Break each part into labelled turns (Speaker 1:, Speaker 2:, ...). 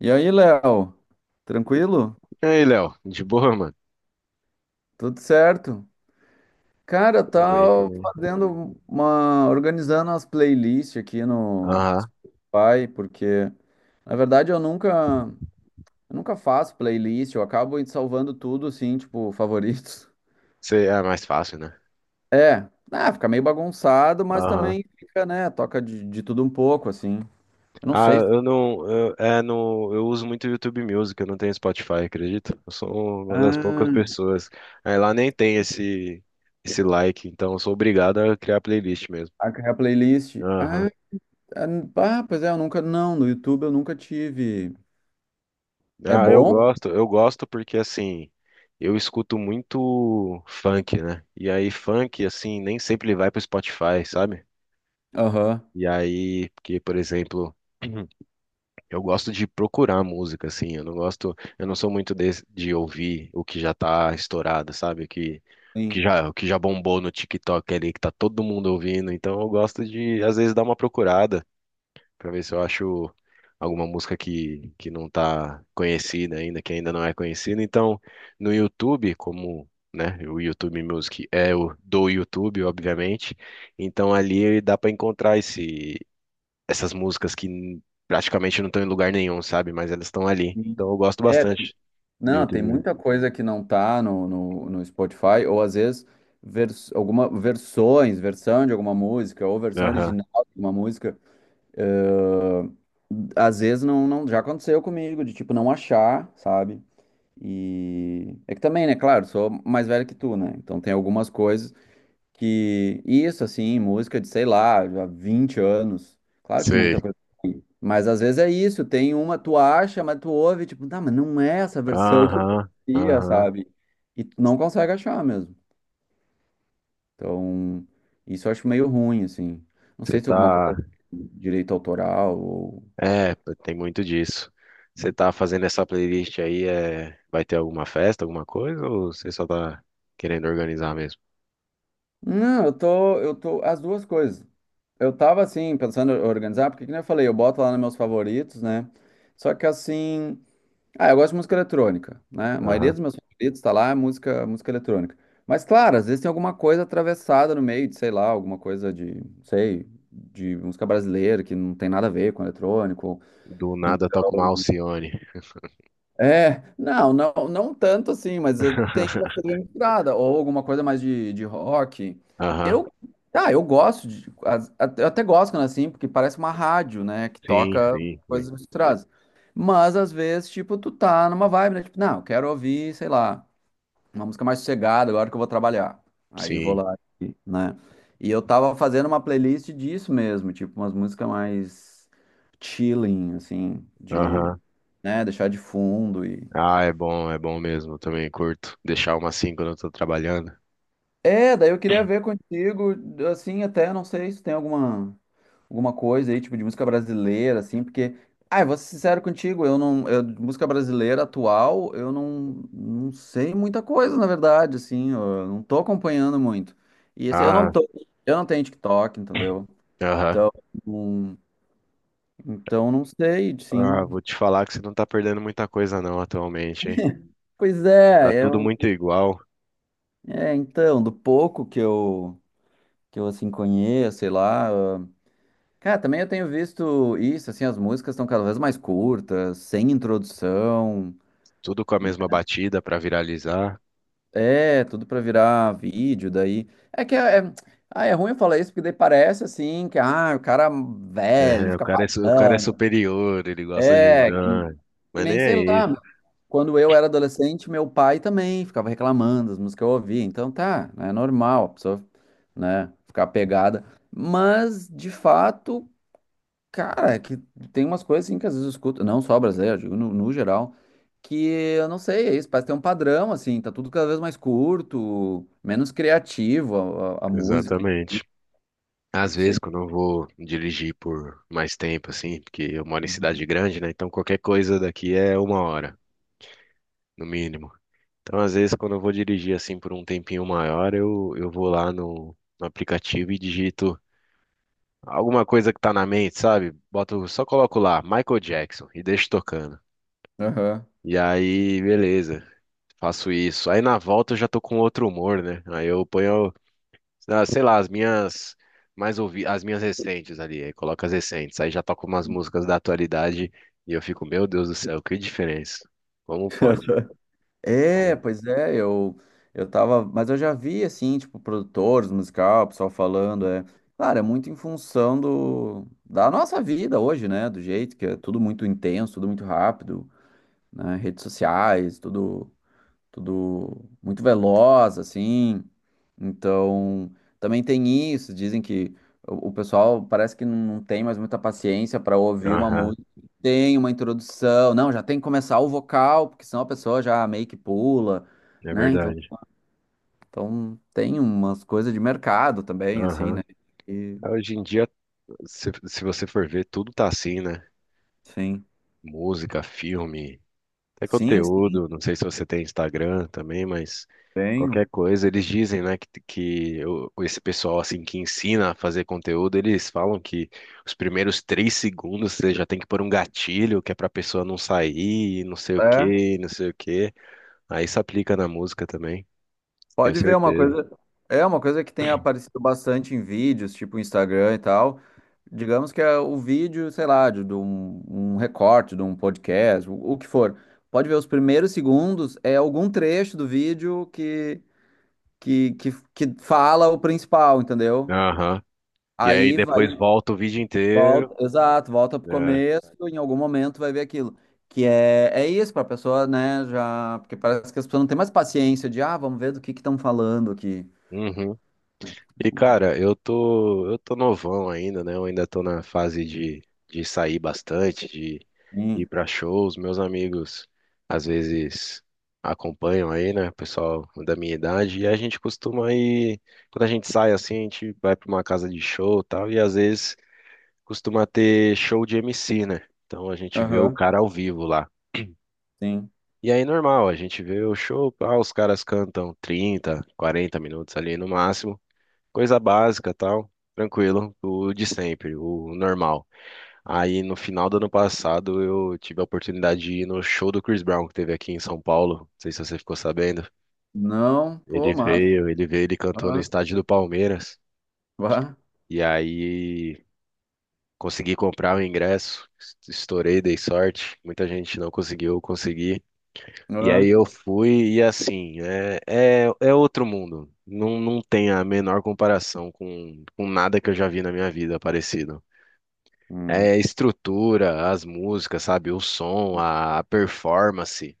Speaker 1: E aí, Léo? Tranquilo?
Speaker 2: E aí, Léo? De boa, mano?
Speaker 1: Tudo certo? Cara, eu
Speaker 2: Tudo bem
Speaker 1: tava
Speaker 2: também.
Speaker 1: fazendo uma, organizando as playlists aqui no
Speaker 2: Aham.
Speaker 1: Spotify, porque na verdade eu nunca faço playlist, eu acabo salvando tudo assim, tipo, favoritos.
Speaker 2: É mais fácil, né?
Speaker 1: É, fica meio bagunçado, mas
Speaker 2: Aham.
Speaker 1: também fica, né, toca de tudo um pouco assim. Eu não
Speaker 2: Ah,
Speaker 1: sei.
Speaker 2: eu não. Eu, é, no, Eu uso muito YouTube Music, eu não tenho Spotify, acredito. Eu sou uma das poucas
Speaker 1: Ah,
Speaker 2: pessoas. Aí lá nem tem esse like, então eu sou obrigado a criar playlist mesmo.
Speaker 1: a playlist.
Speaker 2: Aham.
Speaker 1: Ah, ah, pois é, eu nunca, não, no YouTube eu nunca tive. É
Speaker 2: Ah,
Speaker 1: bom?
Speaker 2: eu gosto porque assim. Eu escuto muito funk, né? E aí, funk, assim, nem sempre ele vai pro Spotify, sabe?
Speaker 1: Aham.
Speaker 2: E aí, porque, por exemplo. Eu gosto de procurar música, assim. Eu não sou muito de ouvir o que já tá estourado, sabe?
Speaker 1: Sim,
Speaker 2: O que já bombou no TikTok ali, que tá todo mundo ouvindo. Então eu gosto de, às vezes, dar uma procurada pra ver se eu acho alguma música que não tá conhecida ainda, que ainda não é conhecida. Então, no YouTube, como, né, o YouTube Music é o do YouTube, obviamente. Então ali dá pra encontrar esse essas músicas que praticamente não estão em lugar nenhum, sabe? Mas elas estão ali.
Speaker 1: sim.
Speaker 2: Então eu gosto
Speaker 1: É,
Speaker 2: bastante do
Speaker 1: não, tem
Speaker 2: YouTube.
Speaker 1: muita coisa que não tá no Spotify, ou às vezes vers, alguma versões, versão de alguma música, ou versão
Speaker 2: Aham.
Speaker 1: original de uma música. eh, às vezes não, já aconteceu comigo, de tipo, não achar, sabe? E é que também, né, claro, sou mais velho que tu, né? Então tem algumas coisas que. Isso, assim, música de, sei lá, há 20 anos. Claro que
Speaker 2: Sei.
Speaker 1: muita coisa. Mas às vezes é isso, tem uma, tu acha, mas tu ouve, tipo, tá, mas não é essa versão que eu
Speaker 2: Aham.
Speaker 1: conhecia,
Speaker 2: Aham.
Speaker 1: sabe? E tu não consegue achar mesmo. Então, isso eu acho meio ruim, assim. Não
Speaker 2: Você
Speaker 1: sei se é alguma
Speaker 2: tá.
Speaker 1: coisa de direito autoral ou.
Speaker 2: É, tem muito disso. Você tá fazendo essa playlist aí, é... vai ter alguma festa, alguma coisa, ou você só tá querendo organizar mesmo?
Speaker 1: Não, eu tô, as duas coisas. Eu tava assim, pensando em organizar, porque como eu falei, eu boto lá nos meus favoritos, né? Só que assim. Ah, eu gosto de música eletrônica, né? A maioria
Speaker 2: Aham.
Speaker 1: dos meus favoritos tá lá, é música eletrônica. Mas, claro, às vezes tem alguma coisa atravessada no meio de, sei lá, alguma coisa de, sei, de música brasileira que não tem nada a ver com eletrônico.
Speaker 2: Do nada toca uma Alcione.
Speaker 1: É, não tanto assim, mas tem uma coisa bem misturada, ou alguma coisa mais de rock.
Speaker 2: Aham.
Speaker 1: Eu, eu gosto de, eu até gosto quando é assim, porque parece uma rádio, né, que
Speaker 2: Sim,
Speaker 1: toca
Speaker 2: sim, sim.
Speaker 1: coisas misturadas. Mas às vezes, tipo, tu tá numa vibe, né, tipo, não, eu quero ouvir, sei lá, uma música mais sossegada agora que eu vou trabalhar. Aí vou
Speaker 2: Sim.
Speaker 1: lá, né? E eu tava fazendo uma playlist disso mesmo, tipo, umas músicas mais chilling, assim, de
Speaker 2: Aham.
Speaker 1: né, deixar de fundo e
Speaker 2: Ah, é bom mesmo. Eu também curto deixar uma assim quando eu tô trabalhando.
Speaker 1: É, daí eu queria ver contigo, assim, até não sei se tem alguma, alguma coisa aí, tipo, de música brasileira, assim, porque, ah, eu vou ser sincero contigo, eu não, eu, de música brasileira atual, eu não, não sei muita coisa, na verdade, assim, eu não tô acompanhando muito. E assim,
Speaker 2: Ah.
Speaker 1: eu não tenho TikTok, entendeu?
Speaker 2: Aham.
Speaker 1: Hum, então não sei,
Speaker 2: Ah,
Speaker 1: sim.
Speaker 2: vou te falar que você não tá perdendo muita coisa não atualmente, hein?
Speaker 1: Pois
Speaker 2: Tá
Speaker 1: é,
Speaker 2: tudo muito igual,
Speaker 1: é, então, do pouco que eu, assim, conheço, sei lá. Cara, também eu tenho visto isso, assim, as músicas estão cada vez mais curtas, sem introdução.
Speaker 2: tudo com a
Speaker 1: Né?
Speaker 2: mesma batida pra viralizar.
Speaker 1: É, tudo pra virar vídeo daí. É que é, é- ah, é ruim eu falar isso, porque daí parece assim que ah, o cara velho
Speaker 2: É,
Speaker 1: fica
Speaker 2: o cara é
Speaker 1: falando.
Speaker 2: superior, ele gosta de...
Speaker 1: É,
Speaker 2: Não,
Speaker 1: que
Speaker 2: mas nem
Speaker 1: nem
Speaker 2: é
Speaker 1: sei
Speaker 2: isso.
Speaker 1: lá. Quando eu era adolescente, meu pai também ficava reclamando das músicas que eu ouvia. Então tá, é normal a pessoa, né, ficar pegada. Mas, de fato. Cara, é que tem umas coisas assim que às vezes eu escuto, não só brasileiro, eu digo no geral, que eu não sei, é isso, parece ter um padrão, assim, tá tudo cada vez mais curto, menos criativo a música,
Speaker 2: Exatamente.
Speaker 1: enfim,
Speaker 2: Às
Speaker 1: não
Speaker 2: vezes,
Speaker 1: sei.
Speaker 2: quando eu vou dirigir por mais tempo, assim, porque eu moro em
Speaker 1: Uhum.
Speaker 2: cidade grande, né? Então qualquer coisa daqui é uma hora, no mínimo. Então, às vezes, quando eu vou dirigir, assim, por um tempinho maior, eu vou lá no aplicativo e digito alguma coisa que tá na mente, sabe? Boto, só coloco lá, Michael Jackson, e deixo tocando.
Speaker 1: Aham.
Speaker 2: E aí, beleza, faço isso. Aí na volta eu já tô com outro humor, né? Aí eu ponho, ah, sei lá, as minhas as minhas recentes ali, aí coloco as recentes. Aí já toco umas músicas da atualidade e eu fico, meu Deus do céu, que diferença. Como pode?
Speaker 1: É,
Speaker 2: Como-
Speaker 1: pois é, eu tava, mas eu já vi, assim, tipo, produtores musical, pessoal falando, é, claro, é muito em função do, da nossa vida hoje, né, do jeito que é tudo muito intenso, tudo muito rápido, né, redes sociais, tudo muito veloz, assim. Então, também tem isso. Dizem que o pessoal parece que não tem mais muita paciência para ouvir uma
Speaker 2: Aham,
Speaker 1: música. Tem uma introdução, não, já tem que começar o vocal, porque senão a pessoa já meio que pula,
Speaker 2: é
Speaker 1: né?
Speaker 2: verdade.
Speaker 1: Então tem umas coisas de mercado também, assim,
Speaker 2: Aham.
Speaker 1: né? E,
Speaker 2: Ah, hoje em dia, se você for ver, tudo tá assim, né?
Speaker 1: sim.
Speaker 2: Música, filme. Até
Speaker 1: Sim, sim,
Speaker 2: conteúdo, não sei se você tem Instagram também, mas
Speaker 1: tenho.
Speaker 2: qualquer coisa, eles dizem, né, esse pessoal, assim, que ensina a fazer conteúdo, eles falam que os primeiros três segundos você já tem que pôr um gatilho, que é pra pessoa não sair, não sei o
Speaker 1: É.
Speaker 2: quê, não sei o quê. Aí isso aplica na música também, tenho
Speaker 1: Pode ver é uma
Speaker 2: certeza.
Speaker 1: coisa. É uma coisa que tem aparecido bastante em vídeos, tipo Instagram e tal. Digamos que é o vídeo, sei lá, de um, um recorte, de um podcast, o que for. Pode ver os primeiros segundos, é algum trecho do vídeo que, que fala o principal, entendeu?
Speaker 2: Aham. E aí
Speaker 1: Aí
Speaker 2: depois
Speaker 1: vai,
Speaker 2: volta o vídeo inteiro,
Speaker 1: volta, exato, volta pro
Speaker 2: né?
Speaker 1: começo, em algum momento vai ver aquilo. Que é, é isso, pra pessoa, né, já. Porque parece que as pessoas não têm mais paciência de, ah, vamos ver do que estão falando aqui.
Speaker 2: Uhum. E cara, eu tô novão ainda, né? Eu ainda tô na fase de sair bastante, de ir pra shows. Meus amigos às vezes acompanham aí, né? O pessoal da minha idade. E a gente costuma ir, quando a gente sai assim, a gente vai pra uma casa de show e tal. E às vezes costuma ter show de MC, né? Então a gente vê o
Speaker 1: Aham,
Speaker 2: cara ao vivo lá.
Speaker 1: sim.
Speaker 2: E aí, normal, a gente vê o show, ah, os caras cantam 30, 40 minutos ali no máximo. Coisa básica, tal. Tranquilo, o de sempre, o normal. Aí no final do ano passado eu tive a oportunidade de ir no show do Chris Brown que teve aqui em São Paulo. Não sei se você ficou sabendo.
Speaker 1: Não, pô, mas.
Speaker 2: Ele veio, ele cantou no
Speaker 1: Aham,
Speaker 2: estádio do Palmeiras.
Speaker 1: vá,
Speaker 2: E aí consegui comprar o ingresso, estourei, dei sorte. Muita gente não conseguiu, eu consegui. E aí
Speaker 1: aham.
Speaker 2: eu fui e assim, é outro mundo. Não tem a menor comparação com nada que eu já vi na minha vida parecido.
Speaker 1: Hum.
Speaker 2: É, estrutura, as músicas, sabe? O som, a performance.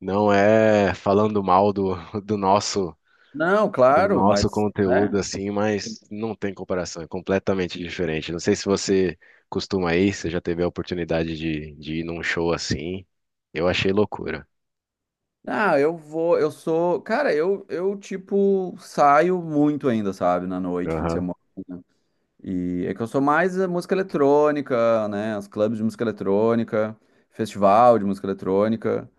Speaker 2: Não é falando mal do, do nosso
Speaker 1: Não,
Speaker 2: do
Speaker 1: claro, mas.
Speaker 2: nosso
Speaker 1: Né?
Speaker 2: conteúdo assim, mas não tem comparação, é completamente diferente. Não sei se você costuma ir, você já teve a oportunidade de ir num show assim. Eu achei loucura.
Speaker 1: Ah, eu vou. Eu sou. Cara, tipo, saio muito ainda, sabe? Na noite, fim de
Speaker 2: Aham.
Speaker 1: semana. E é que eu sou mais a música eletrônica, né? Os clubes de música eletrônica, festival de música eletrônica,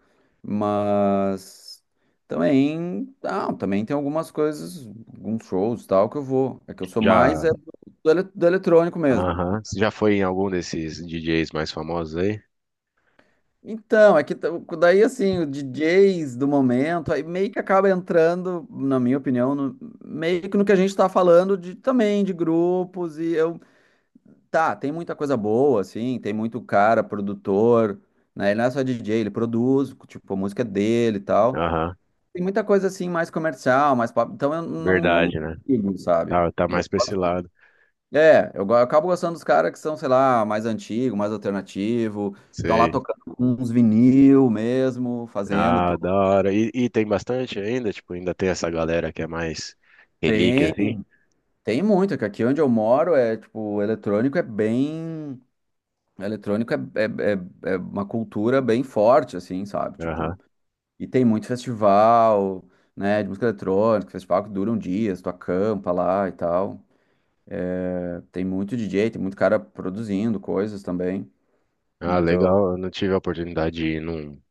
Speaker 1: mas também, ah, também tem algumas coisas, alguns shows e tal que eu vou. É que eu sou mais
Speaker 2: Já,
Speaker 1: é, do eletrônico mesmo.
Speaker 2: aham. Você já foi em algum desses DJs mais famosos aí?
Speaker 1: Então, daí assim, os DJs do momento, aí meio que acaba entrando, na minha opinião, meio que no que a gente tá falando de também de grupos e eu Tá, tem muita coisa boa, assim, tem muito cara, produtor, né? Ele não é só DJ, ele produz, tipo, a música é dele e tal.
Speaker 2: Aham,
Speaker 1: Tem muita coisa, assim, mais comercial, mais pop, então eu não, não
Speaker 2: verdade, né?
Speaker 1: digo, sabe?
Speaker 2: Tá, tá
Speaker 1: Eu
Speaker 2: mais pra esse
Speaker 1: gosto-
Speaker 2: lado.
Speaker 1: É, eu acabo gostando dos caras que são, sei lá, mais antigo, mais alternativo, estão lá
Speaker 2: Sei.
Speaker 1: tocando uns vinil mesmo, fazendo
Speaker 2: Ah,
Speaker 1: todo.
Speaker 2: da hora. E tem bastante ainda? Tipo, ainda tem essa galera que é mais relíquia,
Speaker 1: Tem,
Speaker 2: assim?
Speaker 1: tem muito, que aqui onde eu moro é, tipo, eletrônico é bem... Eletrônico é é uma cultura bem forte, assim, sabe? Tipo,
Speaker 2: Aham.
Speaker 1: E tem muito festival, né, de música eletrônica, festival que duram dias, tu acampa lá e tal. É, tem muito DJ, tem muito cara produzindo coisas também.
Speaker 2: Ah,
Speaker 1: Então,
Speaker 2: legal. Eu não tive a oportunidade de ir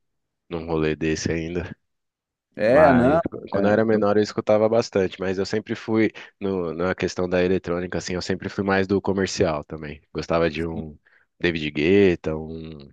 Speaker 2: num rolê desse ainda.
Speaker 1: é,
Speaker 2: Mas
Speaker 1: não,
Speaker 2: quando eu era
Speaker 1: eu
Speaker 2: menor eu escutava bastante, mas eu sempre fui no, na questão da eletrônica, assim, eu sempre fui mais do comercial também. Gostava de
Speaker 1: sim,
Speaker 2: um David Guetta, um,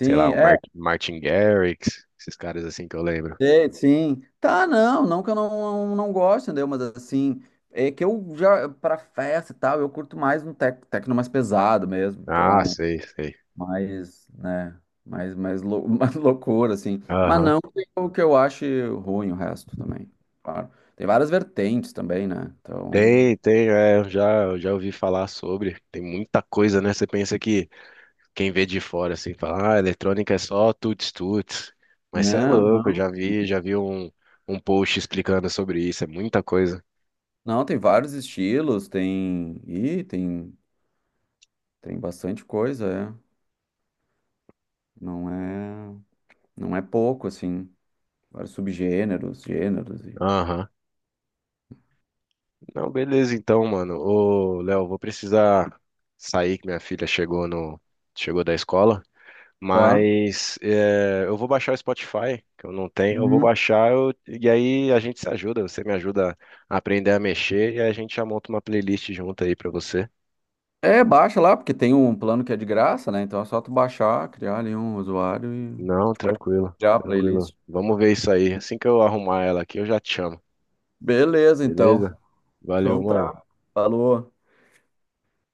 Speaker 2: sei lá,
Speaker 1: é,
Speaker 2: Martin Garrix, esses caras assim que eu lembro.
Speaker 1: sei, sim. Tá, não que eu não gosto, entendeu? Mas assim, é que eu já, pra festa e tal, eu curto mais um tecno mais pesado mesmo.
Speaker 2: Ah,
Speaker 1: Então,
Speaker 2: sei, sei.
Speaker 1: mais, né, mais, mais loucura, assim. Mas
Speaker 2: Aham.
Speaker 1: não que eu ache ruim o resto também, claro. Tem várias vertentes também, né? Então,
Speaker 2: Tem, tem, é, eu já ouvi falar sobre. Tem muita coisa, né? Você pensa que quem vê de fora assim fala, ah, eletrônica é só tuts-tuts. Mas você é
Speaker 1: não,
Speaker 2: louco,
Speaker 1: não.
Speaker 2: já vi um, um post explicando sobre isso, é muita coisa.
Speaker 1: Não, tem vários estilos, tem, tem bastante coisa, é. Não é, não é pouco, assim. Vários subgêneros, gêneros e...
Speaker 2: Aham. Não, beleza então, mano. Ô, Léo, vou precisar sair que minha filha chegou no chegou da escola,
Speaker 1: Tá.
Speaker 2: mas é, eu vou baixar o Spotify, que eu não tenho. Eu vou
Speaker 1: Uhum.
Speaker 2: baixar eu- E aí a gente se ajuda, você me ajuda a aprender a mexer e a gente já monta uma playlist junto aí pra você.
Speaker 1: É, baixa lá, porque tem um plano que é de graça, né? Então é só tu baixar, criar ali um usuário e
Speaker 2: Não,
Speaker 1: tu pode
Speaker 2: tranquilo,
Speaker 1: criar a
Speaker 2: tranquilo.
Speaker 1: playlist.
Speaker 2: Vamos ver isso aí. Assim que eu arrumar ela aqui, eu já te chamo.
Speaker 1: Beleza, então.
Speaker 2: Beleza? Valeu,
Speaker 1: Então
Speaker 2: mano.
Speaker 1: tá. Falou.